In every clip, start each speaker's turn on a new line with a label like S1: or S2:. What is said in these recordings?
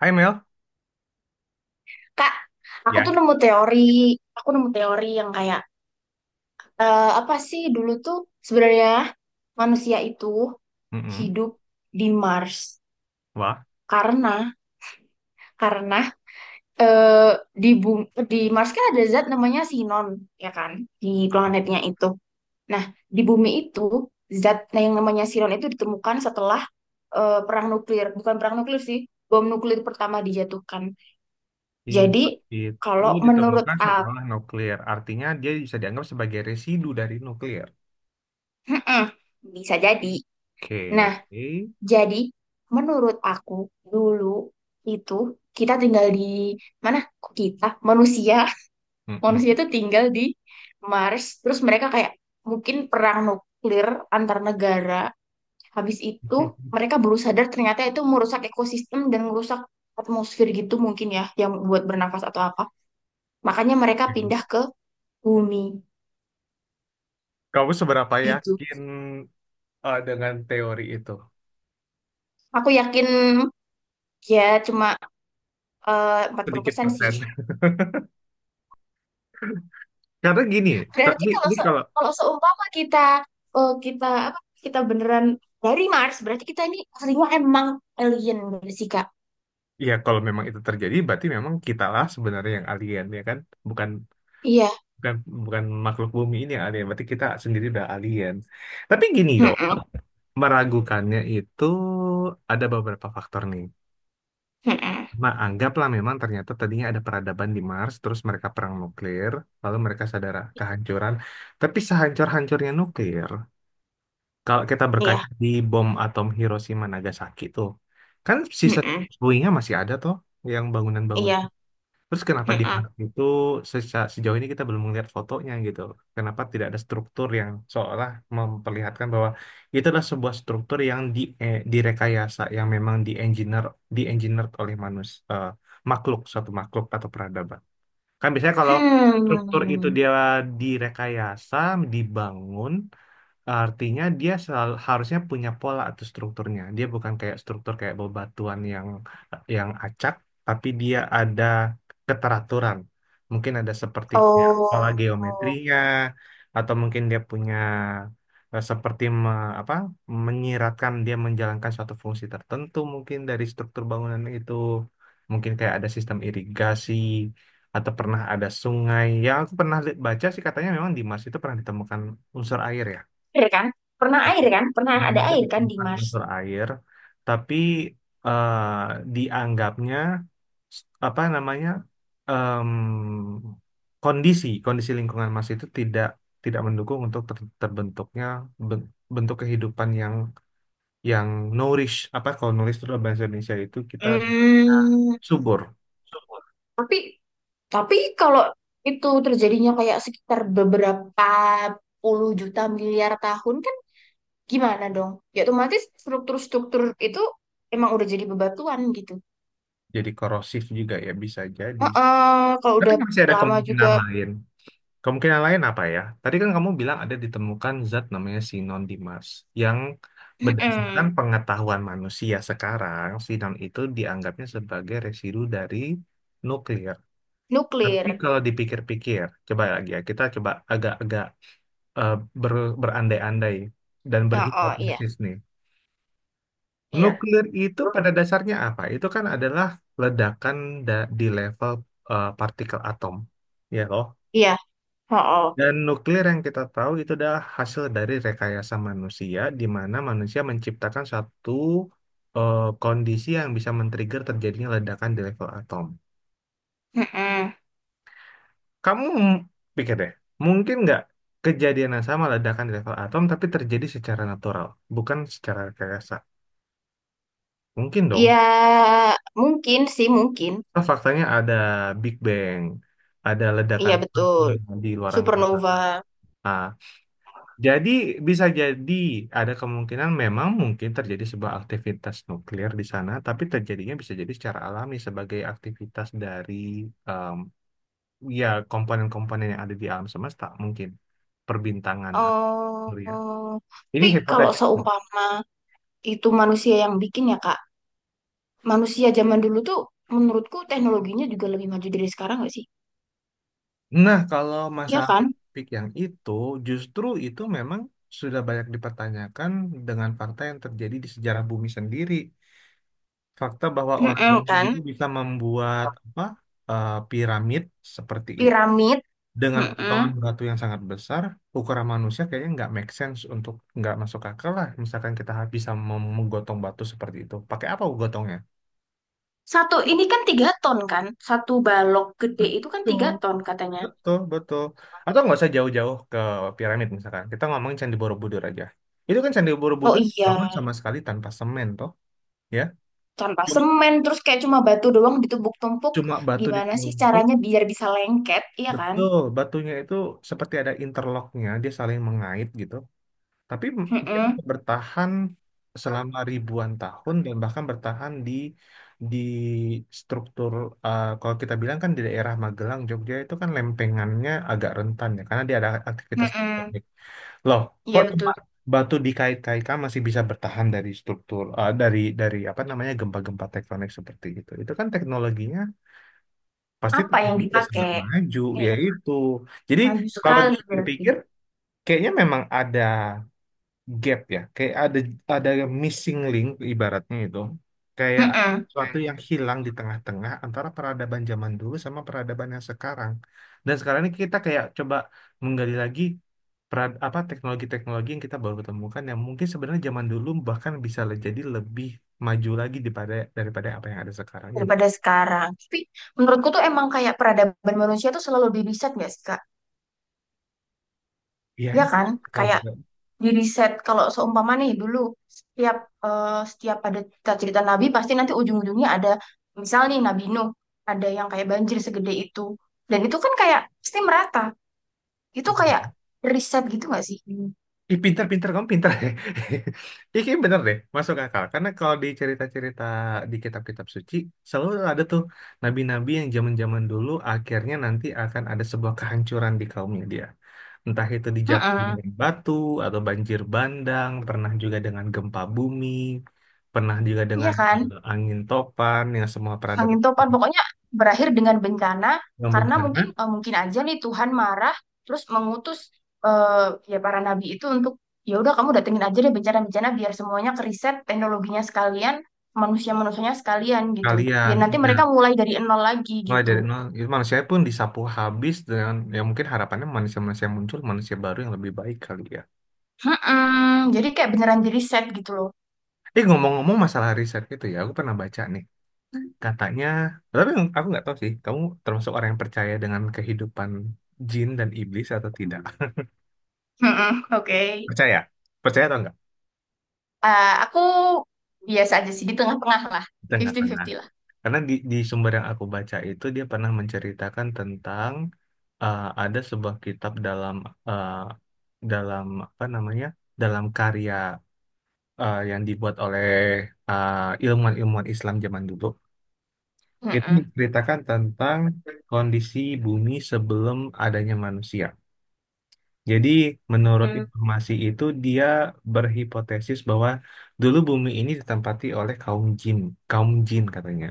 S1: Hai Mel,
S2: Kak, aku
S1: ya,
S2: tuh nemu teori, aku nemu teori yang kayak apa sih dulu tuh sebenarnya manusia itu
S1: mm-mm.
S2: hidup di Mars,
S1: Wah,
S2: karena karena eh, di Mars kan ada zat namanya sinon, ya kan, di
S1: ah,
S2: planetnya itu. Nah, di bumi itu zat, nah, yang namanya sinon itu ditemukan setelah perang nuklir, bukan perang nuklir sih, bom nuklir pertama dijatuhkan. Jadi
S1: infak itu
S2: kalau menurut
S1: ditemukan
S2: aku,
S1: setelah nuklir, artinya dia bisa dianggap sebagai residu dari nuklir.
S2: bisa jadi.
S1: Oke,
S2: Nah, jadi, menurut aku dulu itu kita tinggal di mana? Kok kita manusia,
S1: mm-mm.
S2: manusia itu tinggal di Mars. Terus mereka kayak mungkin perang nuklir antar negara. Habis itu mereka baru sadar ternyata itu merusak ekosistem dan merusak atmosfer, gitu mungkin ya, yang buat bernafas atau apa. Makanya mereka
S1: Oke.
S2: pindah ke bumi
S1: Kamu seberapa
S2: gitu.
S1: yakin dengan teori itu?
S2: Aku yakin ya cuma empat puluh
S1: Sedikit
S2: persen sih.
S1: persen. Karena gini,
S2: Berarti
S1: ini,
S2: kalau
S1: ini kalau
S2: kalau seumpama kita, kita apa kita beneran dari Mars, berarti kita ini aslinya emang alien berarti sih, Kak.
S1: ya kalau memang itu terjadi, berarti memang kitalah sebenarnya yang alien ya kan, bukan
S2: Iya.
S1: bukan bukan makhluk bumi ini yang alien, berarti kita sendiri udah alien. Tapi gini loh.
S2: Mm-mm.
S1: Meragukannya itu ada beberapa faktor nih.
S2: Mm-mm.
S1: Nah, anggaplah memang ternyata tadinya ada peradaban di Mars, terus mereka perang nuklir, lalu mereka sadar kehancuran. Tapi sehancur-hancurnya nuklir, kalau kita berkaca
S2: Iya.
S1: di bom atom Hiroshima Nagasaki tuh, kan sisa
S2: Mm-mm.
S1: puingnya masih ada toh, yang bangunan-bangunan.
S2: Iya.
S1: Terus kenapa di
S2: Mm-mm.
S1: park itu sejauh ini kita belum melihat fotonya gitu? Kenapa tidak ada struktur yang seolah memperlihatkan bahwa itu adalah sebuah struktur yang direkayasa, yang memang di engineer, di engineered oleh makhluk, suatu makhluk atau peradaban. Kan biasanya kalau
S2: Hmm.
S1: struktur itu
S2: Hmm.
S1: dia direkayasa, dibangun. Artinya dia selalu, harusnya punya pola atau strukturnya. Dia bukan kayak struktur kayak bebatuan yang acak, tapi dia ada keteraturan. Mungkin ada seperti pola
S2: Oh.
S1: geometrinya, atau mungkin dia punya seperti apa menyiratkan dia menjalankan suatu fungsi tertentu mungkin dari struktur bangunan itu. Mungkin kayak ada sistem irigasi atau pernah ada sungai. Yang aku pernah baca sih katanya memang di Mars itu pernah ditemukan unsur air ya.
S2: Air kan? Pernah air kan? Pernah
S1: Belum
S2: ada
S1: ada
S2: air kan di
S1: ditemukan
S2: Mars?
S1: unsur air, tapi eh, dianggapnya apa namanya em, kondisi kondisi lingkungan Mas itu tidak tidak mendukung untuk terbentuknya ben- bentuk kehidupan yang nourish apa kalau nulis itu dalam bahasa Indonesia itu kita
S2: Hmm.
S1: subur
S2: Tapi tapi kalau itu terjadinya kayak sekitar beberapa puluh juta miliar tahun kan. Gimana dong? Ya otomatis struktur-struktur itu emang udah jadi bebatuan gitu.
S1: jadi korosif juga ya bisa jadi
S2: Heeh, kalau
S1: tapi
S2: udah
S1: masih ada
S2: lama juga.
S1: kemungkinan lain. Kemungkinan lain apa ya? Tadi kan kamu bilang ada ditemukan zat namanya sinon Dimas yang berdasarkan
S2: Heeh,
S1: pengetahuan manusia sekarang, sinon itu dianggapnya sebagai residu dari nuklir. Tapi
S2: nuklir.
S1: kalau dipikir-pikir, coba lagi ya, kita coba agak-agak eh, berandai-andai dan
S2: Heeh, iya.
S1: berhipotesis nih.
S2: Iya.
S1: Nuklir itu
S2: Lu.
S1: pada dasarnya apa? Itu kan adalah ledakan di level partikel atom. Ya loh.
S2: Iya, heeh.
S1: Dan nuklir yang kita tahu itu adalah hasil dari rekayasa manusia, di mana manusia menciptakan satu kondisi yang bisa men-trigger terjadinya ledakan di level atom.
S2: Heeh.
S1: Kamu pikir deh, mungkin nggak kejadian yang sama ledakan di level atom, tapi terjadi secara natural, bukan secara rekayasa? Mungkin dong.
S2: Ya mungkin sih mungkin.
S1: Karena faktanya ada Big Bang, ada ledakan
S2: Iya betul.
S1: di luar
S2: Supernova.
S1: angkasa. Jadi bisa jadi ada kemungkinan memang mungkin terjadi sebuah aktivitas nuklir di sana, tapi terjadinya bisa jadi secara alami sebagai aktivitas dari em, ya komponen-komponen yang ada di alam semesta mungkin perbintangan atau surya.
S2: Oh,
S1: Ini
S2: tapi kalau
S1: hipotesis.
S2: seumpama itu manusia yang bikin ya, Kak, manusia zaman dulu tuh menurutku teknologinya juga lebih maju dari sekarang, nggak sih?
S1: Nah, kalau
S2: Iya
S1: masalah
S2: kan?
S1: topik yang itu justru itu memang sudah banyak dipertanyakan dengan fakta yang terjadi di sejarah bumi sendiri. Fakta bahwa orang
S2: Heeh,
S1: origami
S2: kan?
S1: dulu bisa membuat apa piramid seperti itu
S2: Piramid.
S1: dengan potongan
S2: Mm-mm.
S1: batu yang sangat besar, ukuran manusia kayaknya nggak make sense untuk nggak masuk akal lah. Misalkan kita bisa menggotong batu seperti itu, pakai apa gotongnya?
S2: Satu ini kan 3 ton kan, satu balok gede itu kan tiga
S1: Betul,
S2: ton katanya.
S1: betul, betul. Atau nggak usah jauh-jauh ke piramid misalkan. Kita ngomongin Candi Borobudur aja. Itu kan Candi
S2: Oh
S1: Borobudur bangun
S2: iya,
S1: sama sekali tanpa semen toh, ya.
S2: tanpa
S1: Cuma,
S2: semen terus kayak cuma batu doang ditumpuk-tumpuk.
S1: cuma batu
S2: Gimana sih
S1: ditumpu.
S2: caranya biar bisa lengket, iya kan?
S1: Betul, batunya itu seperti ada interlocknya, dia saling mengait gitu. Tapi dia
S2: Mm-mm.
S1: bisa bertahan selama ribuan tahun dan bahkan bertahan di struktur kalau kita bilang kan di daerah Magelang, Jogja itu kan lempengannya agak rentan ya karena dia ada aktivitas
S2: Mm-mm.
S1: tektonik. Loh,
S2: Iya
S1: kok
S2: betul.
S1: tempat batu dikait-kaitkan masih bisa bertahan dari struktur eh, dari apa namanya gempa-gempa tektonik seperti itu. Itu kan teknologinya pasti
S2: Apa yang
S1: Tuhan udah sangat
S2: dipakai?
S1: maju ya
S2: Kayak
S1: itu. Jadi
S2: maju
S1: kalau
S2: sekali berarti.
S1: dipikir-pikir kayaknya memang ada gap ya, kayak ada missing link ibaratnya itu. Kayak
S2: Mm-mm.
S1: suatu yang hilang di tengah-tengah antara peradaban zaman dulu sama peradaban yang sekarang. Dan sekarang ini kita kayak coba menggali lagi apa teknologi-teknologi yang kita baru temukan yang mungkin sebenarnya zaman dulu bahkan bisa jadi lebih maju lagi daripada daripada apa yang ada sekarang ya nggak?
S2: Daripada sekarang. Tapi menurutku tuh emang kayak peradaban manusia tuh selalu lebih riset, nggak sih, Kak?
S1: Iya,
S2: Iya
S1: ya,
S2: kan?
S1: kalau
S2: Kayak
S1: juga.
S2: di riset kalau seumpama nih dulu setiap setiap ada cerita-cerita nabi pasti nanti ujung-ujungnya ada misal nih Nabi Nuh, ada yang kayak banjir segede itu, dan itu kan kayak pasti merata, itu kayak riset gitu nggak sih? Mm.
S1: Ih, pinter-pinter kamu pinter ya. Ih, kayaknya bener deh, masuk akal. Karena kalau di cerita-cerita di kitab-kitab suci, selalu ada tuh nabi-nabi yang zaman-zaman dulu akhirnya nanti akan ada sebuah kehancuran di kaumnya dia. Entah itu dijatuhin
S2: Mm.
S1: dari batu atau banjir bandang, pernah juga dengan gempa bumi, pernah juga
S2: Iya
S1: dengan
S2: kan?
S1: angin topan yang semua
S2: Angin
S1: peradaban
S2: topan pokoknya berakhir dengan bencana
S1: yang
S2: karena mungkin,
S1: bencana
S2: mungkin aja nih Tuhan marah terus mengutus ya para nabi itu untuk ya udah kamu datengin aja deh bencana-bencana biar semuanya keriset teknologinya sekalian, manusia-manusianya sekalian gitu,
S1: kalian.
S2: biar nanti
S1: Iya,
S2: mereka mulai dari nol lagi
S1: mulai dari
S2: gitu.
S1: nol gitu, manusia pun disapu habis dengan ya mungkin harapannya manusia-manusia yang muncul manusia baru yang lebih baik kali ya
S2: Mm-mm. Jadi kayak beneran di riset gitu loh.
S1: ngomong-ngomong masalah riset itu ya aku pernah baca nih katanya tapi aku nggak tahu sih kamu termasuk orang yang percaya dengan kehidupan jin dan iblis atau tidak
S2: Mm-mm. Oke.
S1: percaya percaya atau enggak
S2: Aku biasa aja sih di tengah-tengah lah,
S1: tengah-tengah
S2: 50-50 lah.
S1: karena di sumber yang aku baca itu dia pernah menceritakan tentang ada sebuah kitab dalam eh, dalam apa namanya dalam karya yang dibuat oleh eh, ilmuwan-ilmuwan Islam zaman dulu itu
S2: Mm-mm.
S1: menceritakan tentang kondisi bumi sebelum adanya manusia. Jadi menurut informasi itu dia berhipotesis bahwa dulu bumi ini ditempati oleh kaum jin katanya.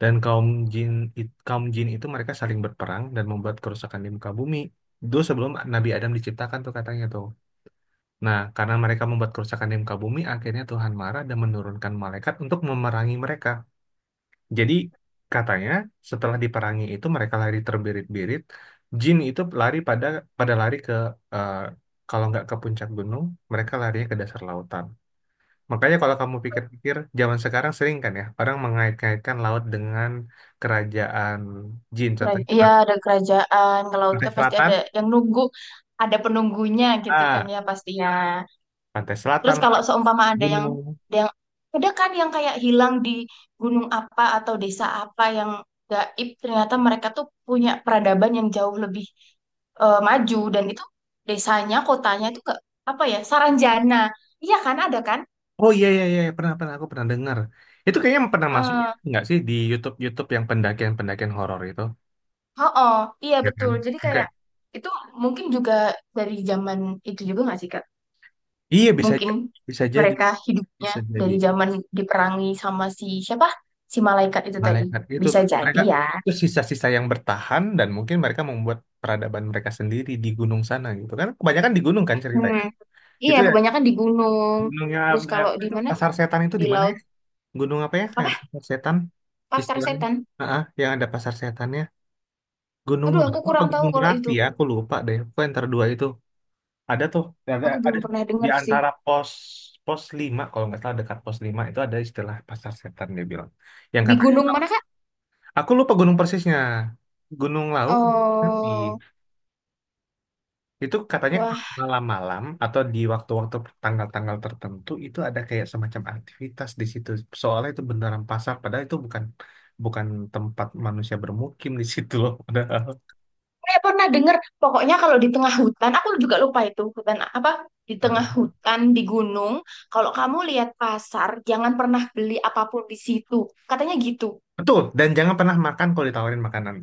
S1: Dan kaum jin kaum jin itu mereka saling berperang dan membuat kerusakan di muka bumi. Dulu sebelum Nabi Adam diciptakan tuh katanya tuh. Nah, karena mereka membuat kerusakan di muka bumi, akhirnya Tuhan marah dan menurunkan malaikat untuk memerangi mereka. Jadi, katanya setelah diperangi itu mereka lari terbirit-birit. Jin itu lari pada pada lari ke eh, kalau nggak ke puncak gunung, mereka larinya ke dasar lautan. Makanya kalau kamu pikir-pikir, zaman sekarang sering kan ya, orang mengait-ngaitkan laut dengan kerajaan jin. Contohnya
S2: Iya ada kerajaan ke laut
S1: Pantai
S2: kan, pasti
S1: Selatan,
S2: ada yang nunggu, ada penunggunya gitu kan
S1: ah,
S2: ya pastinya.
S1: Pantai
S2: Terus
S1: Selatan,
S2: kalau seumpama ada yang
S1: gunung.
S2: ada yang ada kan yang kayak hilang di gunung apa atau desa apa yang gaib, ternyata mereka tuh punya peradaban yang jauh lebih, maju, dan itu desanya, kotanya itu ke apa ya, Saranjana. Iya kan ada kan?
S1: Oh iya iya iya pernah pernah aku pernah dengar. Itu kayaknya pernah masuk
S2: Eh,
S1: nggak sih di YouTube YouTube yang pendakian pendakian horor itu,
S2: oh, oh, iya
S1: ya kan?
S2: betul. Jadi
S1: Oke.
S2: kayak itu mungkin juga dari zaman itu juga nggak sih, Kak?
S1: Iya
S2: Mungkin
S1: bisa jadi
S2: mereka hidupnya
S1: bisa jadi
S2: dari zaman diperangi sama si siapa? Si malaikat itu tadi.
S1: malaikat itu
S2: Bisa
S1: tuh.
S2: jadi
S1: Mereka
S2: ya.
S1: itu sisa-sisa yang bertahan dan mungkin mereka membuat peradaban mereka sendiri di gunung sana gitu kan? Kebanyakan di gunung kan
S2: Hmm.
S1: ceritanya.
S2: Iya,
S1: Itu ya
S2: kebanyakan di gunung.
S1: gunungnya
S2: Terus
S1: ada
S2: kalau di
S1: itu
S2: mana?
S1: pasar setan itu
S2: Di
S1: di mana
S2: laut.
S1: ya? Gunung apa ya? Yang
S2: Apa?
S1: ada pasar setan
S2: Pasar
S1: istilahnya.
S2: setan.
S1: Ah, ah, yang ada pasar setannya. Gunung
S2: Aduh,
S1: apa?
S2: aku kurang tahu
S1: Gunung
S2: kalau itu.
S1: Merapi ya? Aku lupa deh. Pokoknya antara dua itu. Ada tuh.
S2: Aku
S1: Ada
S2: belum
S1: tuh.
S2: pernah
S1: Di
S2: dengar sih.
S1: antara pos pos 5 kalau nggak salah dekat pos 5 itu ada istilah pasar setan dia bilang yang
S2: Di
S1: katanya
S2: gunung mana, Kak?
S1: aku lupa gunung persisnya Gunung Lauk tapi
S2: Oh,
S1: itu katanya kalau
S2: wah.
S1: malam-malam atau di waktu-waktu tanggal-tanggal tertentu itu ada kayak semacam aktivitas di situ soalnya itu beneran pasar padahal itu bukan bukan tempat manusia bermukim di situ loh padahal
S2: Saya pernah dengar. Pokoknya kalau di tengah hutan, aku juga lupa itu. Hutan apa? Di
S1: nah
S2: tengah hutan, di gunung. Kalau kamu lihat pasar, jangan pernah beli apapun di situ. Katanya gitu.
S1: betul dan jangan pernah makan kalau ditawarin makanan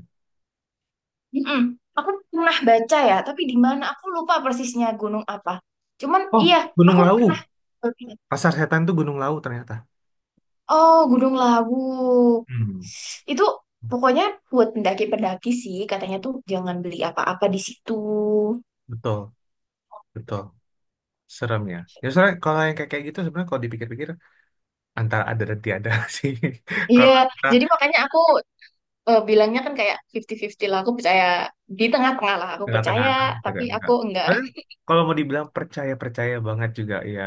S2: Mm-mm. Aku pernah baca ya, tapi di mana aku lupa persisnya gunung apa. Cuman
S1: oh
S2: iya,
S1: Gunung
S2: aku pernah.
S1: Lawu pasar setan tuh Gunung Lawu ternyata.
S2: Oh, Gunung Lawu.
S1: Hmm,
S2: Itu pokoknya buat pendaki-pendaki sih, katanya tuh jangan beli apa-apa di situ.
S1: betul, betul. Serem ya. Ya sebenarnya kalau yang kayak kayak gitu sebenarnya kalau dipikir-pikir antara ada dan tiada sih.
S2: Iya,
S1: Kalau kita
S2: jadi makanya aku bilangnya kan kayak fifty fifty lah, aku percaya di tengah-tengah lah, aku
S1: tengah-tengah
S2: percaya,
S1: antara
S2: tapi
S1: tidak
S2: aku
S1: enggak.
S2: enggak.
S1: Soalnya kalau mau dibilang percaya-percaya banget juga ya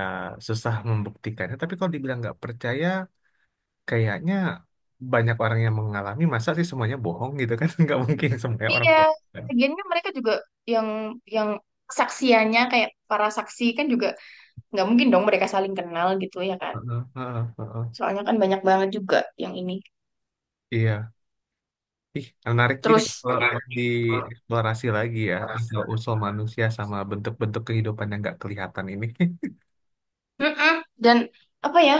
S1: susah membuktikannya. Tapi kalau dibilang nggak percaya, kayaknya banyak orang yang mengalami masa sih semuanya bohong gitu kan. Nggak mungkin semuanya orang
S2: Iya,
S1: bohong. Kan?
S2: lagian kan mereka juga yang yang saksiannya kayak para saksi kan juga nggak mungkin dong mereka saling kenal gitu ya kan,
S1: Heeh, heeh, heeh.
S2: soalnya kan banyak banget juga yang ini.
S1: Iya. Ih, menarik juga ya
S2: Terus
S1: kalau mau dieksplorasi lagi ya asal-usul manusia sama bentuk-bentuk kehidupan yang nggak kelihatan ini.
S2: mm-mm, dan apa ya,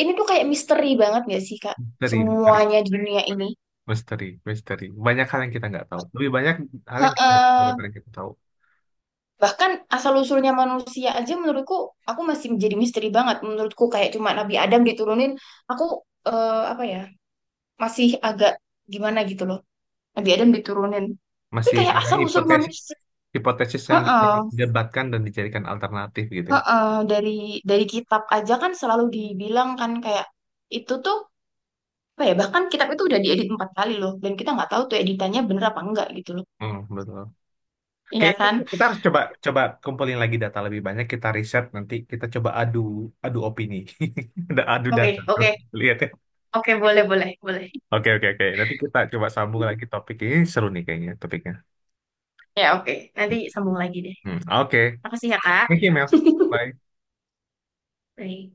S2: ini tuh kayak misteri banget gak sih, Kak,
S1: Misteri, misteri,
S2: semuanya di dunia ini.
S1: misteri, misteri. Banyak hal yang kita nggak tahu. Lebih banyak hal yang kita nggak tahu
S2: Heeh.
S1: daripada yang kita tahu.
S2: Bahkan asal usulnya manusia aja, menurutku aku masih menjadi misteri banget. Menurutku kayak cuma Nabi Adam diturunin, aku, apa ya, masih agak gimana gitu loh. Nabi Adam diturunin, tapi
S1: Masih
S2: kayak
S1: ada
S2: asal usul
S1: hipotesis,
S2: manusia.
S1: hipotesis yang bisa
S2: Heeh.
S1: didebatkan dan dijadikan alternatif gitu ya.
S2: Heeh, dari kitab aja kan selalu dibilang kan kayak itu tuh apa ya, bahkan kitab itu udah diedit 4 kali loh, dan kita nggak tahu tuh editannya bener apa enggak gitu loh,
S1: Hmm, betul.
S2: iya kan.
S1: Kayaknya kita harus coba coba kumpulin lagi data lebih banyak. Kita riset nanti kita coba adu adu opini, ada adu
S2: Oke,
S1: data.
S2: oke,
S1: Lihat. Ya.
S2: oke. Boleh, boleh, boleh.
S1: Oke, oke, oke. Nanti kita coba sambung lagi topik ini. Seru nih kayaknya topiknya.
S2: Ya oke,
S1: Hmm.
S2: nanti sambung lagi deh.
S1: Hmm. Oke.
S2: Makasih ya, Kak.
S1: Thank you, Mel. Bye-bye.
S2: Bye.